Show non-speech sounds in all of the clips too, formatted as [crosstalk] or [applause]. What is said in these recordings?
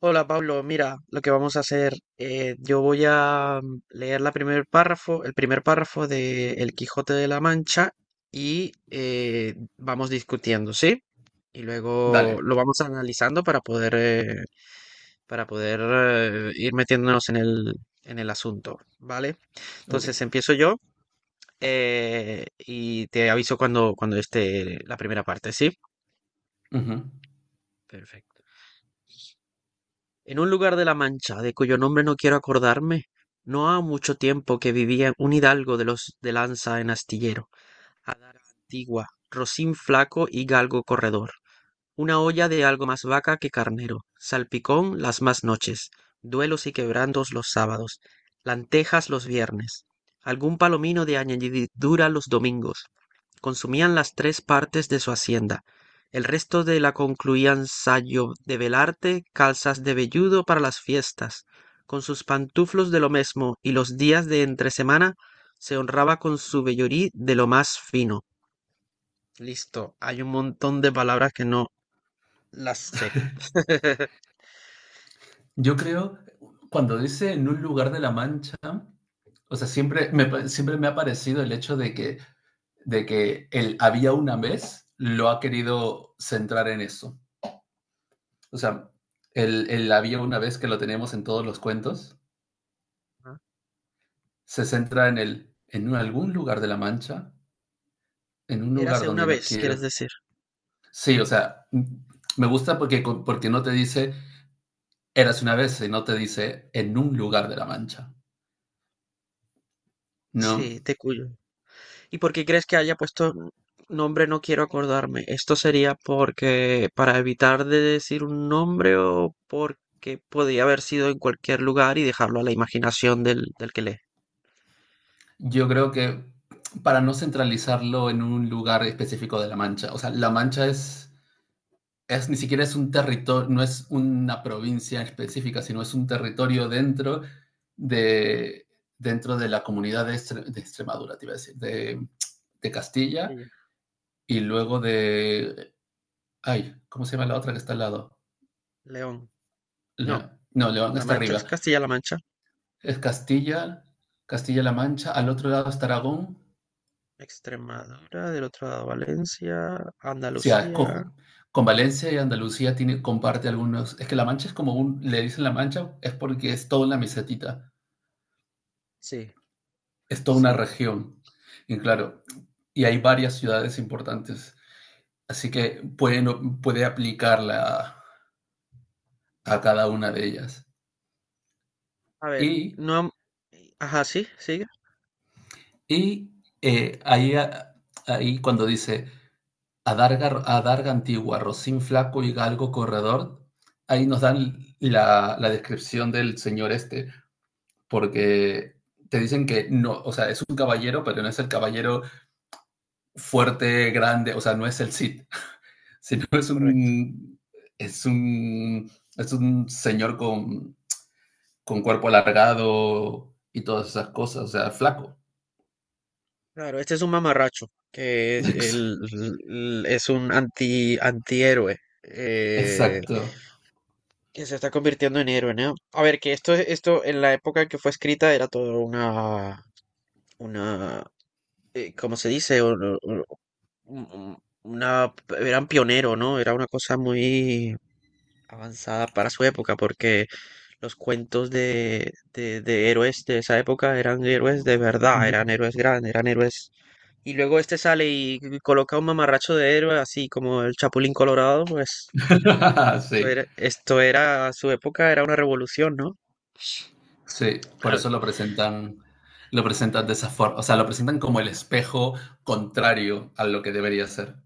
Hola Pablo, mira, lo que vamos a hacer, yo voy a leer la primer párrafo, el primer párrafo de El Quijote de la Mancha y vamos discutiendo, ¿sí? Y luego Dale, lo vamos analizando para poder ir metiéndonos en el asunto, ¿vale? Entonces ok. empiezo yo y te aviso cuando esté la primera parte, ¿sí? Ujú. Perfecto. En un lugar de la Mancha, de cuyo nombre no quiero acordarme, no ha mucho tiempo que vivía un hidalgo de los de lanza en astillero, adara antigua, rocín flaco y galgo corredor, una olla de algo más vaca que carnero, salpicón las más noches, duelos y quebrantos los sábados, lantejas los viernes, algún palomino de añadidura los domingos, consumían las tres partes de su hacienda. El resto de la concluían sayo de velarte, calzas de velludo para las fiestas. Con sus pantuflos de lo mesmo y los días de entre semana se honraba con su vellorí de lo más fino. Listo, hay un montón de palabras que no las sé. [laughs] Yo creo, cuando dice en un lugar de la Mancha, o sea, siempre me, siempre me ha parecido el hecho de que el había una vez lo ha querido centrar en eso. O sea, el había una vez que lo tenemos en todos los cuentos, Ajá. se centra en el, en algún lugar de la Mancha, en un lugar Érase una donde no vez, quieres quiero. decir. Sí, o sea, me gusta porque, porque no te dice eras una vez, sino te dice en un lugar de la Mancha, ¿no? Sí, de Cuyo. ¿Y por qué crees que haya puesto nombre? No quiero acordarme. ¿Esto sería porque para evitar de decir un nombre o porque podía haber sido en cualquier lugar y dejarlo a la imaginación del que lee? Yo creo que para no centralizarlo en un lugar específico de La Mancha, o sea, La Mancha es ni siquiera es un territorio, no es una provincia específica, sino es un territorio de, dentro de la comunidad de, de Extremadura, te iba a decir, de Castilla Ella. y luego de, ay, ¿cómo se llama la otra que está al lado? León. No. Le- no, León La está Mancha es arriba. Castilla-La Mancha. Es Castilla, Castilla-La Mancha, al otro lado está Aragón. Extremadura, del otro lado Valencia, Sí, ah, es Andalucía. cojo. Con Valencia y Andalucía tiene, comparte algunos. Es que La Mancha es como un, le dicen La Mancha, es porque es toda una mesetita, Sí, es toda una sí. región. Y claro, y hay varias ciudades importantes. Así que puede, puede aplicarla a cada una de ellas. A ver, Y, no. Ajá, sí, sigue. y ahí, ahí cuando dice Adarga, Adarga Antigua, Rocín Flaco y Galgo Corredor, ahí nos dan la, la descripción del señor este porque te dicen que no, o sea, es un caballero, pero no es el caballero fuerte, grande, o sea, no es el Cid, [laughs] sino es Correcto. un, es un, es un señor con cuerpo alargado y todas esas cosas, o sea, flaco. Claro, este es un mamarracho, que es, el- es un antihéroe, Exacto. que se está convirtiendo en héroe, ¿no? A ver, que esto en la época en que fue escrita era todo una, ¿cómo se dice? Un- Una, eran pionero, ¿no? Era una cosa muy avanzada para su época, porque los cuentos de héroes de esa época eran héroes de verdad, eran [laughs] héroes grandes, eran héroes. Y luego este sale y coloca un mamarracho de héroe, así como el Chapulín Colorado, pues Sí, esto era, a su época era una revolución, ¿no? sí, por A ver, eso lo presentan de esa forma, o sea, lo presentan como el espejo contrario a lo que debería ser.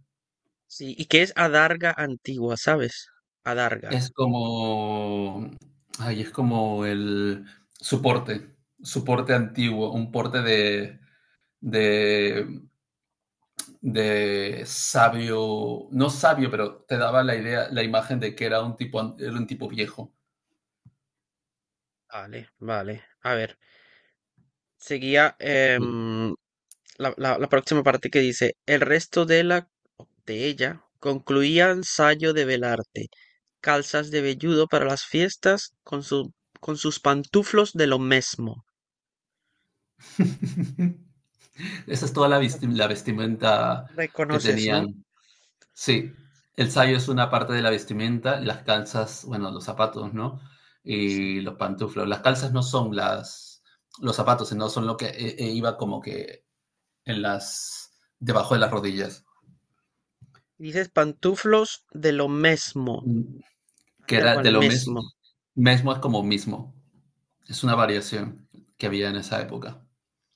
sí, ¿y qué es adarga antigua, sabes? Adarga. Es como, ay, es como el soporte, soporte antiguo, un porte de, de sabio, no sabio, pero te daba la idea, la imagen de que era un tipo, era un tipo viejo. Vale, vale. A ver, seguía Sí. La próxima parte que dice, el resto de la, de ella concluían sayo de velarte, calzas de velludo para las fiestas con sus pantuflos de lo mismo. [laughs] Esa es toda la, la vestimenta que Reconoces, ¿no? tenían. Sí, el sayo es una parte de la vestimenta, las calzas, bueno, los zapatos, ¿no? Sí. Y los pantuflos. Las calzas no son las, los zapatos, sino son lo que iba como que en las, debajo de las rodillas. Dices pantuflos de lo mesmo, Mm, que tal era cual, de lo mismo. mesmo. Mesmo es como mismo, es una variación que había en esa época.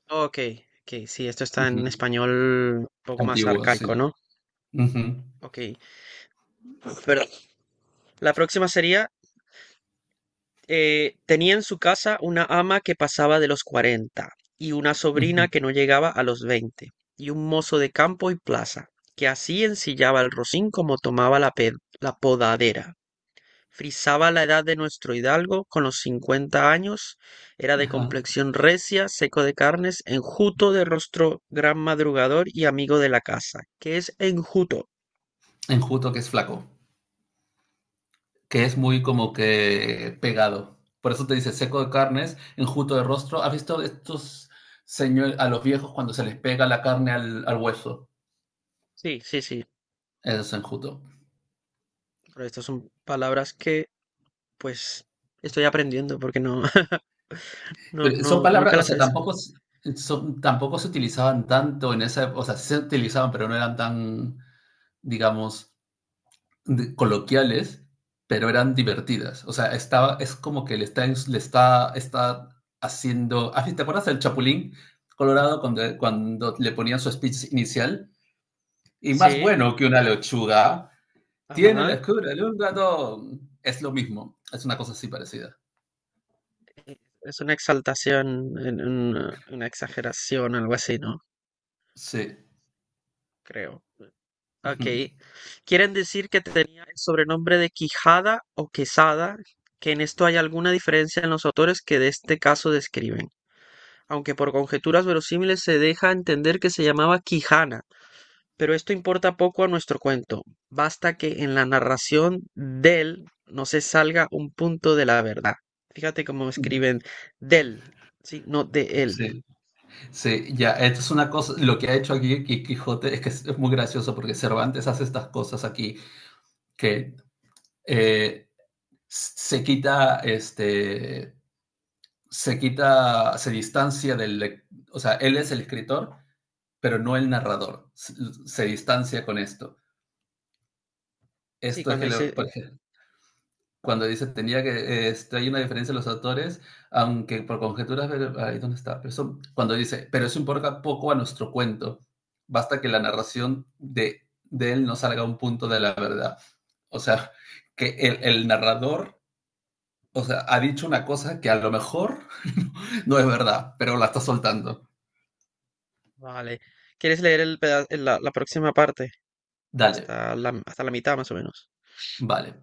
Ok, ok, sí, esto está en Ujú. español un poco más Antiguo, sí. arcaico, ¿no? Ujú, Ok, perdón. La próxima sería, tenía en su casa una ama que pasaba de los 40 y una sobrina ujú, que no llegaba a los 20 y un mozo de campo y plaza que así ensillaba el rocín como tomaba la podadera. Frisaba la edad de nuestro hidalgo con los cincuenta años, era de ajá. complexión recia, seco de carnes, enjuto de rostro, gran madrugador y amigo de la casa. ¿Qué es enjuto? Enjuto, que es flaco, que es muy como Ok. que pegado. Por eso te dice seco de carnes, enjuto de rostro. ¿Has visto estos señores, a los viejos cuando se les pega la carne al, al hueso? Sí, sí, sí, Eso es enjuto. pero estas son palabras que pues estoy aprendiendo porque no, [laughs] Pero son no, nunca palabras, o las he sea, visto. tampoco, son, tampoco se utilizaban tanto en esa, o sea, sí se utilizaban, pero no eran tan, digamos, coloquiales, pero eran divertidas. O sea, estaba, es como que le está, le está, está haciendo. Ah, sí, ¿te acuerdas del Chapulín Colorado cuando, cuando le ponían su speech inicial? Y más Sí, bueno que una lechuga, tiene la ajá, escura de un ratón. Es lo mismo, es una cosa así parecida. es una exaltación, una exageración, algo así, ¿no? Sí. Creo. Ujú. Ok. Quieren decir que tenía el sobrenombre de Quijada o Quesada, que en esto hay alguna diferencia en los autores que de este caso describen, aunque por conjeturas verosímiles se deja entender que se llamaba Quijana, pero esto importa poco a nuestro cuento. Basta que en la narración del no se salga un punto de la verdad. Fíjate cómo escriben del, sí, no de él. Sí, sí, ya, esto es una cosa, lo que ha hecho aquí Quijote es que es muy gracioso porque Cervantes hace estas cosas aquí que eh, se quita, este, se quita, se distancia del, o sea, él es el escritor, pero no el narrador. Se distancia con esto. Sí, Esto es cuando que, dice, por ejemplo, cuando dice tenía que, este, hay una diferencia en los autores, aunque por conjeturas, ahí dónde está, pero cuando dice, pero eso importa poco a nuestro cuento. Basta que la narración de él no salga a un punto de la verdad. O sea, que el narrador. O sea, ha dicho una cosa que a lo mejor [laughs] no es verdad, pero la está soltando. vale. ¿Quieres leer la próxima parte? Dale, Hasta hasta la mitad más o menos. vale.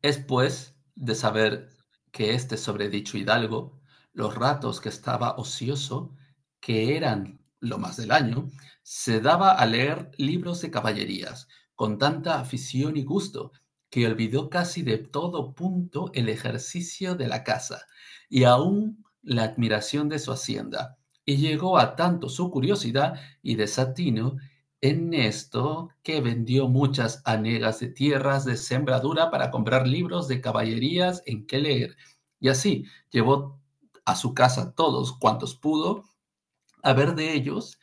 Es pues de saber que este sobredicho hidalgo, los ratos que estaba ocioso, que eran lo más del año, se daba a leer libros de caballerías, con tanta afición y gusto, que olvidó casi de todo punto el ejercicio de la casa y aún la admiración de su hacienda, y llegó a tanto su curiosidad y desatino en esto, que vendió muchas hanegas de tierras de sembradura para comprar libros de caballerías en que leer, y así llevó a su casa todos cuantos pudo a ver de ellos,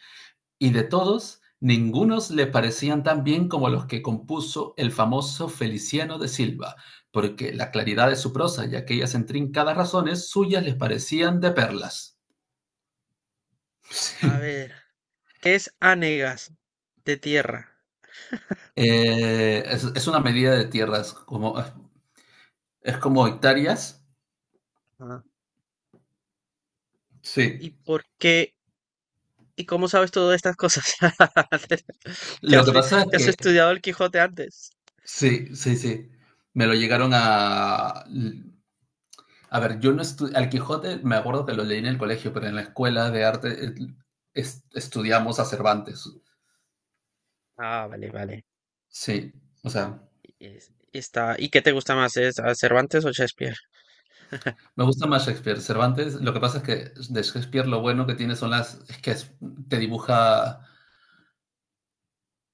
y de todos ningunos le parecían tan bien como los que compuso el famoso Feliciano de Silva, porque la claridad de su prosa y aquellas intrincadas razones suyas les parecían de perlas. A [laughs] ver, ¿qué es anegas de tierra? Sí. Es una medida de tierras, como, es como hectáreas. Ajá. Sí. ¿Y por qué? ¿Y cómo sabes todas estas cosas? [laughs] ¿Te Lo has, que pasa es te has que... estudiado el Quijote antes? Sí, sí, sí. Me lo llegaron a... A ver, yo no estudié... Al Quijote me acuerdo que lo leí en el colegio, pero en la escuela de arte estudiamos a Cervantes. Ah, vale, vale. Sí, o sea, Y, y está, ¿y qué te gusta más? ¿Es a Cervantes o Shakespeare? me gusta más Shakespeare. Cervantes, lo que pasa es que de Shakespeare lo bueno que tiene son las... Es que te dibuja,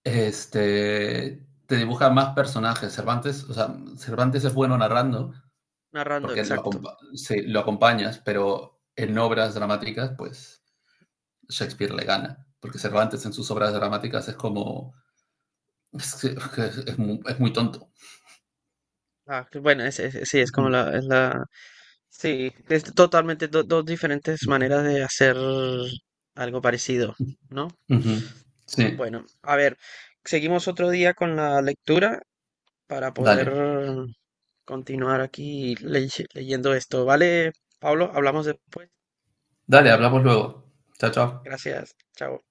este... Te dibuja más personajes. Cervantes, o sea, Cervantes es bueno narrando, Narrando, porque lo, exacto. sí, lo acompañas, pero en obras dramáticas, pues Shakespeare le gana, porque Cervantes en sus obras dramáticas es como, es, es es muy tonto. Ah, que bueno, sí, es como Ujú, es la, sí, es totalmente dos diferentes ujú, maneras de hacer algo parecido, ¿no? ujú. Sí, Bueno, a ver, seguimos otro día con la lectura para poder dale, continuar aquí leyendo esto, ¿vale, Pablo? Hablamos después. dale, hablamos luego. Chao, chao. Gracias, chao.